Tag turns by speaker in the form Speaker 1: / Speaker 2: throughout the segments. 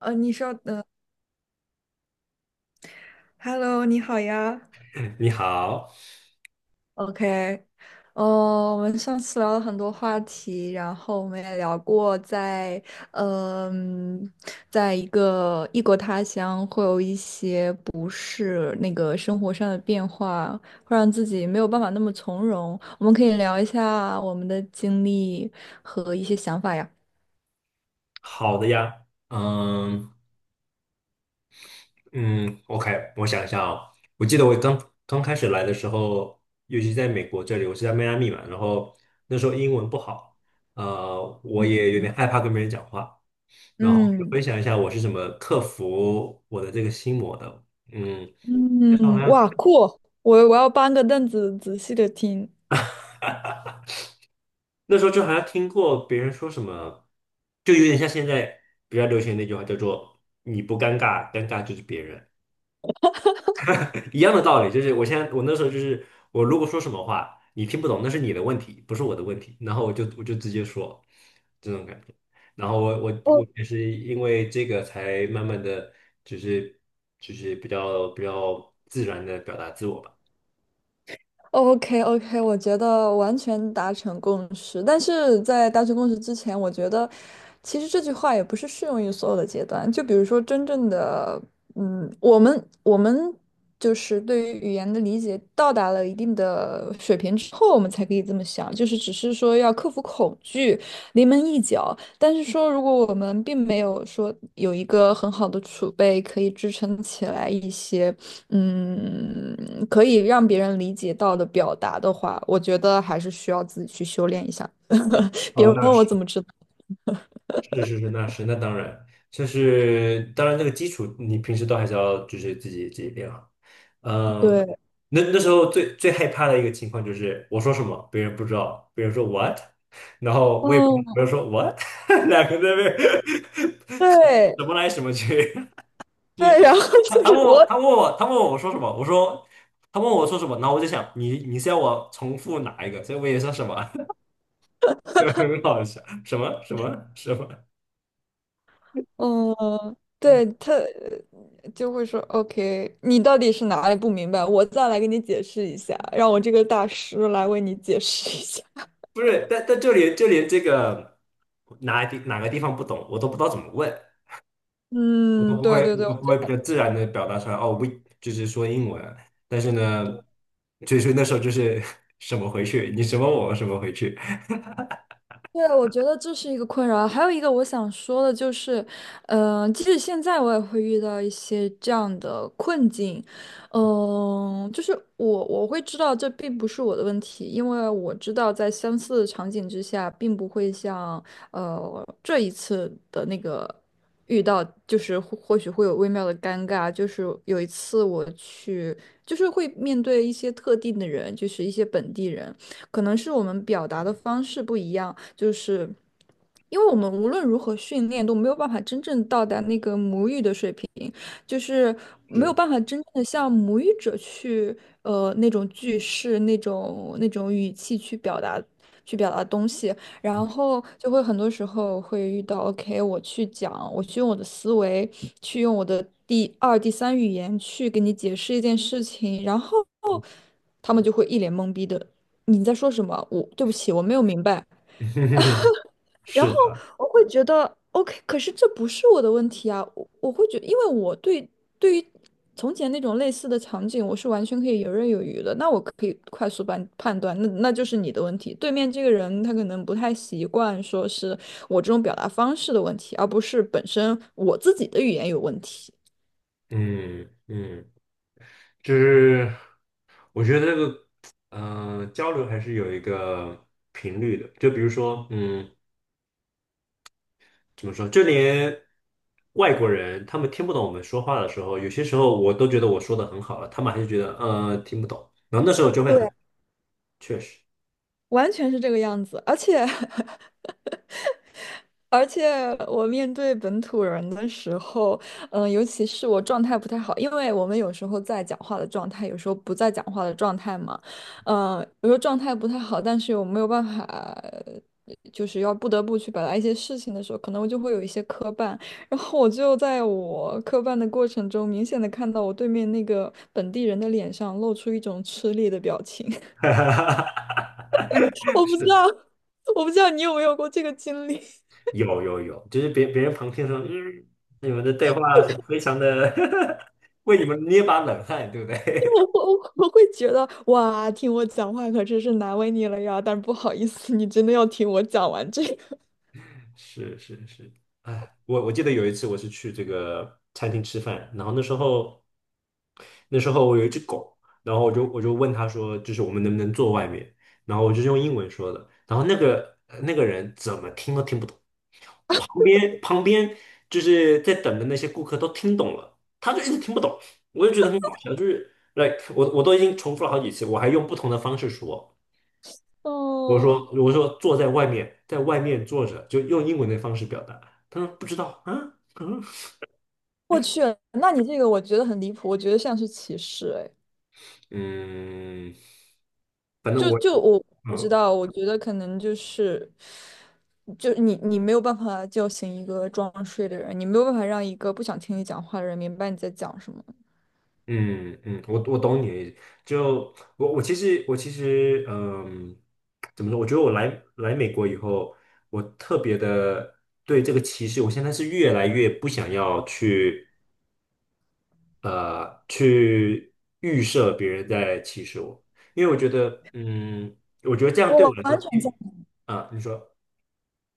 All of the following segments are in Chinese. Speaker 1: 你稍等，Hello，你好呀
Speaker 2: 你好，
Speaker 1: ，OK，哦，我们上次聊了很多话题，然后我们也聊过在，嗯、在一个异国他乡会有一些不适，那个生活上的变化，会让自己没有办法那么从容。我们可以聊一下我们的经历和一些想法呀。
Speaker 2: 好的呀，嗯嗯，OK，我想一下哦，我记得我刚开始来的时候，尤其在美国这里，我是在迈阿密嘛，然后那时候英文不好，我也有点
Speaker 1: 嗯
Speaker 2: 害怕跟别人讲话，然后就
Speaker 1: 嗯
Speaker 2: 分享一下我是怎么克服我的这个心魔的。嗯，那时候好
Speaker 1: 嗯，
Speaker 2: 像
Speaker 1: 哇，酷！我要搬个凳子仔细的听。
Speaker 2: 那时候就好像听过别人说什么，就有点像现在比较流行的那句话叫做“你不尴尬，尴尬就是别人”。一样的道理，就是我现在那时候就是我如果说什么话你听不懂，那是你的问题，不是我的问题。然后我就直接说这种感觉。然后我我
Speaker 1: 哦。
Speaker 2: 我也是因为这个才慢慢的，就是就是比较自然的表达自我吧。
Speaker 1: OK OK，我觉得完全达成共识。但是在达成共识之前，我觉得其实这句话也不是适用于所有的阶段。就比如说，真正的，我们就是对于语言的理解到达了一定的水平之后，我们才可以这么想。就是只是说要克服恐惧，临门一脚。但是说，如果我们并没有说有一个很好的储备，可以支撑起来一些，嗯，可以让别人理解到的表达的话，我觉得还是需要自己去修炼一下。别
Speaker 2: 哦，
Speaker 1: 问
Speaker 2: 那
Speaker 1: 我
Speaker 2: 是。
Speaker 1: 怎么知道，
Speaker 2: 是是是，那是那当然，就是当然那个基础你平时都还是要就是自己练好。嗯，
Speaker 1: 对，
Speaker 2: 那那时候最害怕的一个情况就是我说什么别人不知道，别人说 what，然后我也不没
Speaker 1: 嗯，
Speaker 2: 有说 what，两个在那边 什
Speaker 1: 对
Speaker 2: 什么来什么去，就
Speaker 1: 对，
Speaker 2: 是
Speaker 1: 然后
Speaker 2: 他
Speaker 1: 就
Speaker 2: 他
Speaker 1: 是
Speaker 2: 问
Speaker 1: 我，
Speaker 2: 我他问我他问我我说什么，我说他问我说什么，然后我就想你是要我重复哪一个，所以我也说什么，就很好笑，什么什么什么。
Speaker 1: 嗯，对他就会说，OK，你到底是哪里不明白？我再来给你解释一下，让我这个大师来为你解释一下。
Speaker 2: 不是，但就连这个哪个地方不懂，我都不知道怎么问，我都
Speaker 1: 嗯，
Speaker 2: 不
Speaker 1: 对
Speaker 2: 会
Speaker 1: 对
Speaker 2: 我
Speaker 1: 对，
Speaker 2: 都不会比较自然的表达出来。哦我就是说英文，但是呢，就是那时候就是 什么回去，你什么我什么回去，
Speaker 1: 对，我觉得这是一个困扰。还有一个我想说的就是，即使现在我也会遇到一些这样的困境，就是我会知道这并不是我的问题，因为我知道在相似的场景之下，并不会像这一次的那个遇到，就是或许会有微妙的尴尬。就是有一次我去，就是会面对一些特定的人，就是一些本地人。可能是我们表达的方式不一样，就是因为我们无论如何训练都没有办法真正到达那个母语的水平，就是没有
Speaker 2: 是
Speaker 1: 办法真正的像母语者去那种句式、那种语气去表达。去表达东西，然后就会很多时候会遇到，OK，我去讲，我去用我的思维，去用我的第二、第三语言去给你解释一件事情，然后他们就会一脸懵逼的，你在说什么？我对不起，我没有明白。然后
Speaker 2: 是的。
Speaker 1: 我会觉得 OK，可是这不是我的问题啊。我会觉因为我对对于从前那种类似的场景，我是完全可以游刃有余的。那我可以快速判断，那就是你的问题。对面这个人他可能不太习惯，说是我这种表达方式的问题，而不是本身我自己的语言有问题。
Speaker 2: 嗯嗯，就是我觉得这个交流还是有一个频率的，就比如说嗯。怎么说，就连外国人他们听不懂我们说话的时候，有些时候我都觉得我说的很好了，他们还是觉得听不懂，然后那时候就会很
Speaker 1: 对，
Speaker 2: 确实，
Speaker 1: 完全是这个样子，而且 而且我面对本土人的时候，尤其是我状态不太好，因为我们有时候在讲话的状态，有时候不在讲话的状态嘛，有时候状态不太好，但是我没有办法，就是要不得不去表达一些事情的时候，可能我就会有一些磕绊，然后我就在我磕绊的过程中，明显的看到我对面那个本地人的脸上露出一种吃力的表情，我不知
Speaker 2: 是
Speaker 1: 道，我不知道你有没有过这个经历。
Speaker 2: 有有有，就是别人旁听说，嗯，你们的对话很非常的 为你们捏把冷汗，对不对？
Speaker 1: 我会觉得哇，听我讲话可真是难为你了呀！但是不好意思，你真的要听我讲完这个。
Speaker 2: 是是是，哎，我记得有一次我是去这个餐厅吃饭，然后那时候。那时候我有一只狗，然后我就问他说，就是我们能不能坐外面？然后我就是用英文说的，然后那个那个人怎么听都听不懂，旁边就是在等的那些顾客都听懂了，他就一直听不懂，我就觉得很搞笑，就是，like 我都已经重复了好几次，我还用不同的方式说，我
Speaker 1: 哦，
Speaker 2: 说我说坐在外面，在外面坐着，就用英文的方式表达，他说不知道啊，嗯
Speaker 1: 我去，那你这个我觉得很离谱，我觉得像是歧视。哎，
Speaker 2: 嗯，反正
Speaker 1: 就
Speaker 2: 我
Speaker 1: 就我不知
Speaker 2: 嗯。
Speaker 1: 道，我觉得可能就是，就你没有办法叫醒一个装睡的人，你没有办法让一个不想听你讲话的人明白你在讲什么。
Speaker 2: 嗯嗯，我我懂你的意思。就我其实我嗯，怎么说？我觉得我来美国以后，我特别的对这个歧视，我现在是越来越不想要去去预设别人在歧视我，因为我觉得嗯，我觉得这样对我
Speaker 1: 我
Speaker 2: 来说
Speaker 1: 完全。
Speaker 2: 并啊，你说。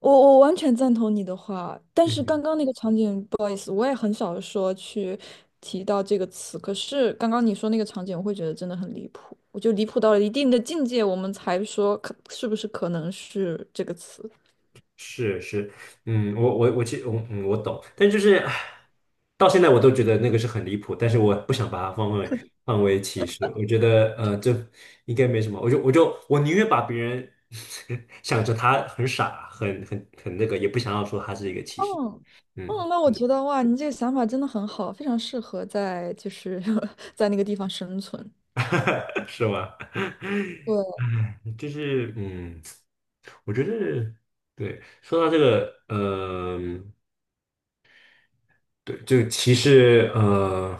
Speaker 1: 我完全赞同你的话，但是
Speaker 2: 嗯。
Speaker 1: 刚刚那个场景，不好意思，我也很少说去提到这个词。可是刚刚你说那个场景，我会觉得真的很离谱，我就离谱到了一定的境界，我们才说可是不是可能是这个词。
Speaker 2: 是是，嗯，我其嗯懂，但就是唉到现在我都觉得那个是很离谱，但是我不想把它放为放为歧视，我觉得这应该没什么，我就我宁愿把别人 想着他很傻，很那个，也不想要说他是一个歧视。
Speaker 1: 嗯
Speaker 2: 嗯，
Speaker 1: 嗯，那我觉得哇，你这个想法真的很好，非常适合在就是 在那个地方生存。
Speaker 2: 是吗？
Speaker 1: 对。
Speaker 2: 唉，就是嗯，我觉得对，说到这个。嗯、对，就歧视。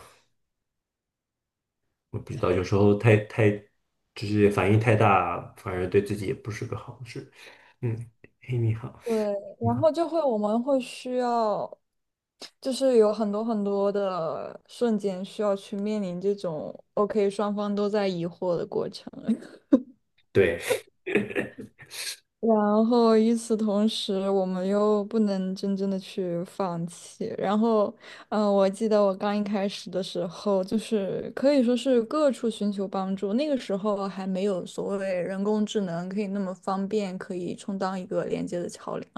Speaker 2: 我不知道，有时候太就是反应太大，反而对自己也不是个好事。嗯，嘿，你好，
Speaker 1: 对，然
Speaker 2: 嗯，
Speaker 1: 后就会我们会需要，就是有很多很多的瞬间需要去面临这种 OK 双方都在疑惑的过程，
Speaker 2: 对，
Speaker 1: 然后与此同时，我们又不能真正的去放弃。然后，我记得我刚一开始的时候，就是可以说是各处寻求帮助，那个时候还没有所谓人工智能可以那么方便，可以充当一个连接的桥梁。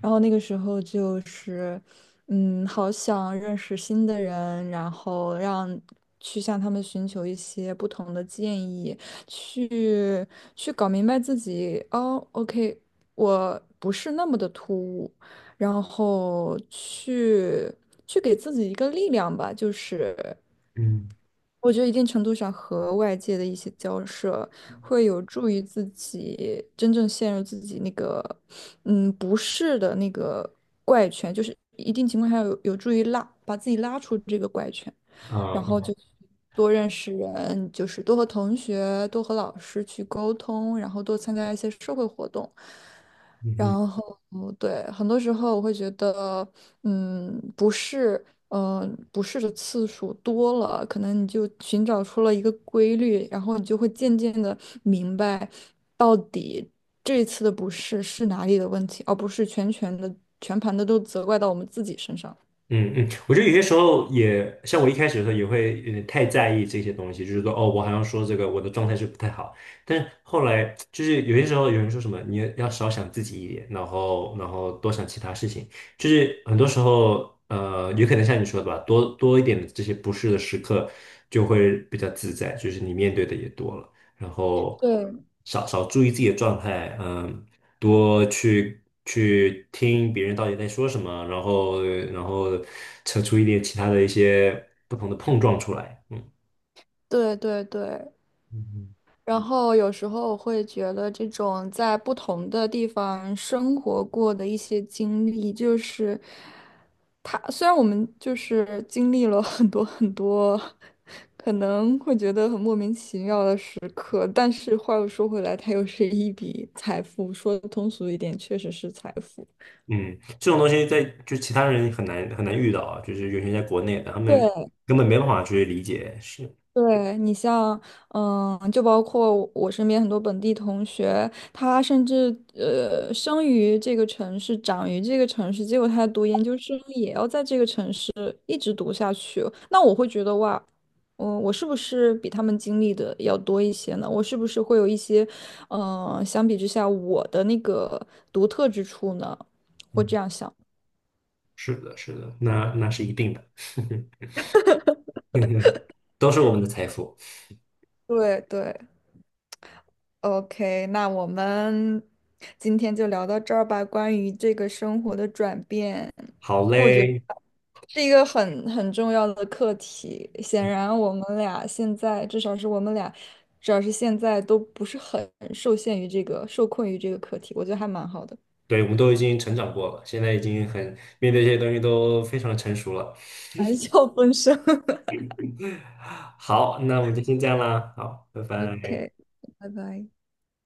Speaker 1: 然后那个时候就是，嗯，好想认识新的人，然后让去向他们寻求一些不同的建议，去去搞明白自己，哦，OK，我不是那么的突兀，然后去给自己一个力量吧，就是。
Speaker 2: 嗯，
Speaker 1: 我觉得一定程度上和外界的一些交涉，会有助于自己真正陷入自己那个，嗯，不适的那个怪圈，就是一定情况下有助于拉把自己拉出这个怪圈，然后
Speaker 2: 啊，
Speaker 1: 就多认识人，就是多和同学、多和老师去沟通，然后多参加一些社会活动，
Speaker 2: 嗯哼。
Speaker 1: 然后，对，很多时候我会觉得，嗯，不是，不是的次数多了，可能你就寻找出了一个规律，然后你就会渐渐的明白，到底这一次的不适是哪里的问题，而不是全盘的都责怪到我们自己身上。
Speaker 2: 嗯嗯，我觉得有些时候也像我一开始的时候也会有点太在意这些东西，就是说哦，我好像说这个我的状态是不太好，但是后来就是有些时候有人说什么你要少想自己一点，然后多想其他事情，就是很多时候，有可能像你说的吧，多多一点的这些不适的时刻就会比较自在，就是你面对的也多了。然后
Speaker 1: 对
Speaker 2: 少注意自己的状态，嗯，多去听别人到底在说什么，然后扯出一点其他的一些不同的碰撞出来。嗯。
Speaker 1: 对对对，
Speaker 2: 嗯
Speaker 1: 然后有时候我会觉得这种在不同的地方生活过的一些经历，就是。他虽然我们就是经历了很多很多，可能会觉得很莫名其妙的时刻，但是话又说回来，它又是一笔财富，说通俗一点，确实是财富。
Speaker 2: 嗯，这种东西在就其他人很难遇到啊，就是尤其在国内的，他们
Speaker 1: 对，
Speaker 2: 根本没办法去理解。是，
Speaker 1: 对你像，就包括我身边很多本地同学，他甚至生于这个城市，长于这个城市，结果他读研究生也要在这个城市一直读下去哦。那我会觉得哇，嗯，我是不是比他们经历的要多一些呢？我是不是会有一些，嗯，相比之下我的那个独特之处呢？会这
Speaker 2: 嗯，
Speaker 1: 样想。
Speaker 2: 是的，是的，那那是一定的，都是我们的财富。
Speaker 1: 对对。OK，那我们今天就聊到这儿吧。关于这个生活的转变，
Speaker 2: 好
Speaker 1: 我觉得
Speaker 2: 嘞，
Speaker 1: 是一个很重要的课题。显然，我们俩现在至少是我们俩，至少是现在都不是很受限于这个，受困于这个课题。我觉得还蛮好的，
Speaker 2: 对，我们都已经成长过了，现在已经很面对这些东西都非常成熟了。
Speaker 1: 谈笑风生。
Speaker 2: 好，那我们就先这样啦，好，拜拜。
Speaker 1: OK，拜拜。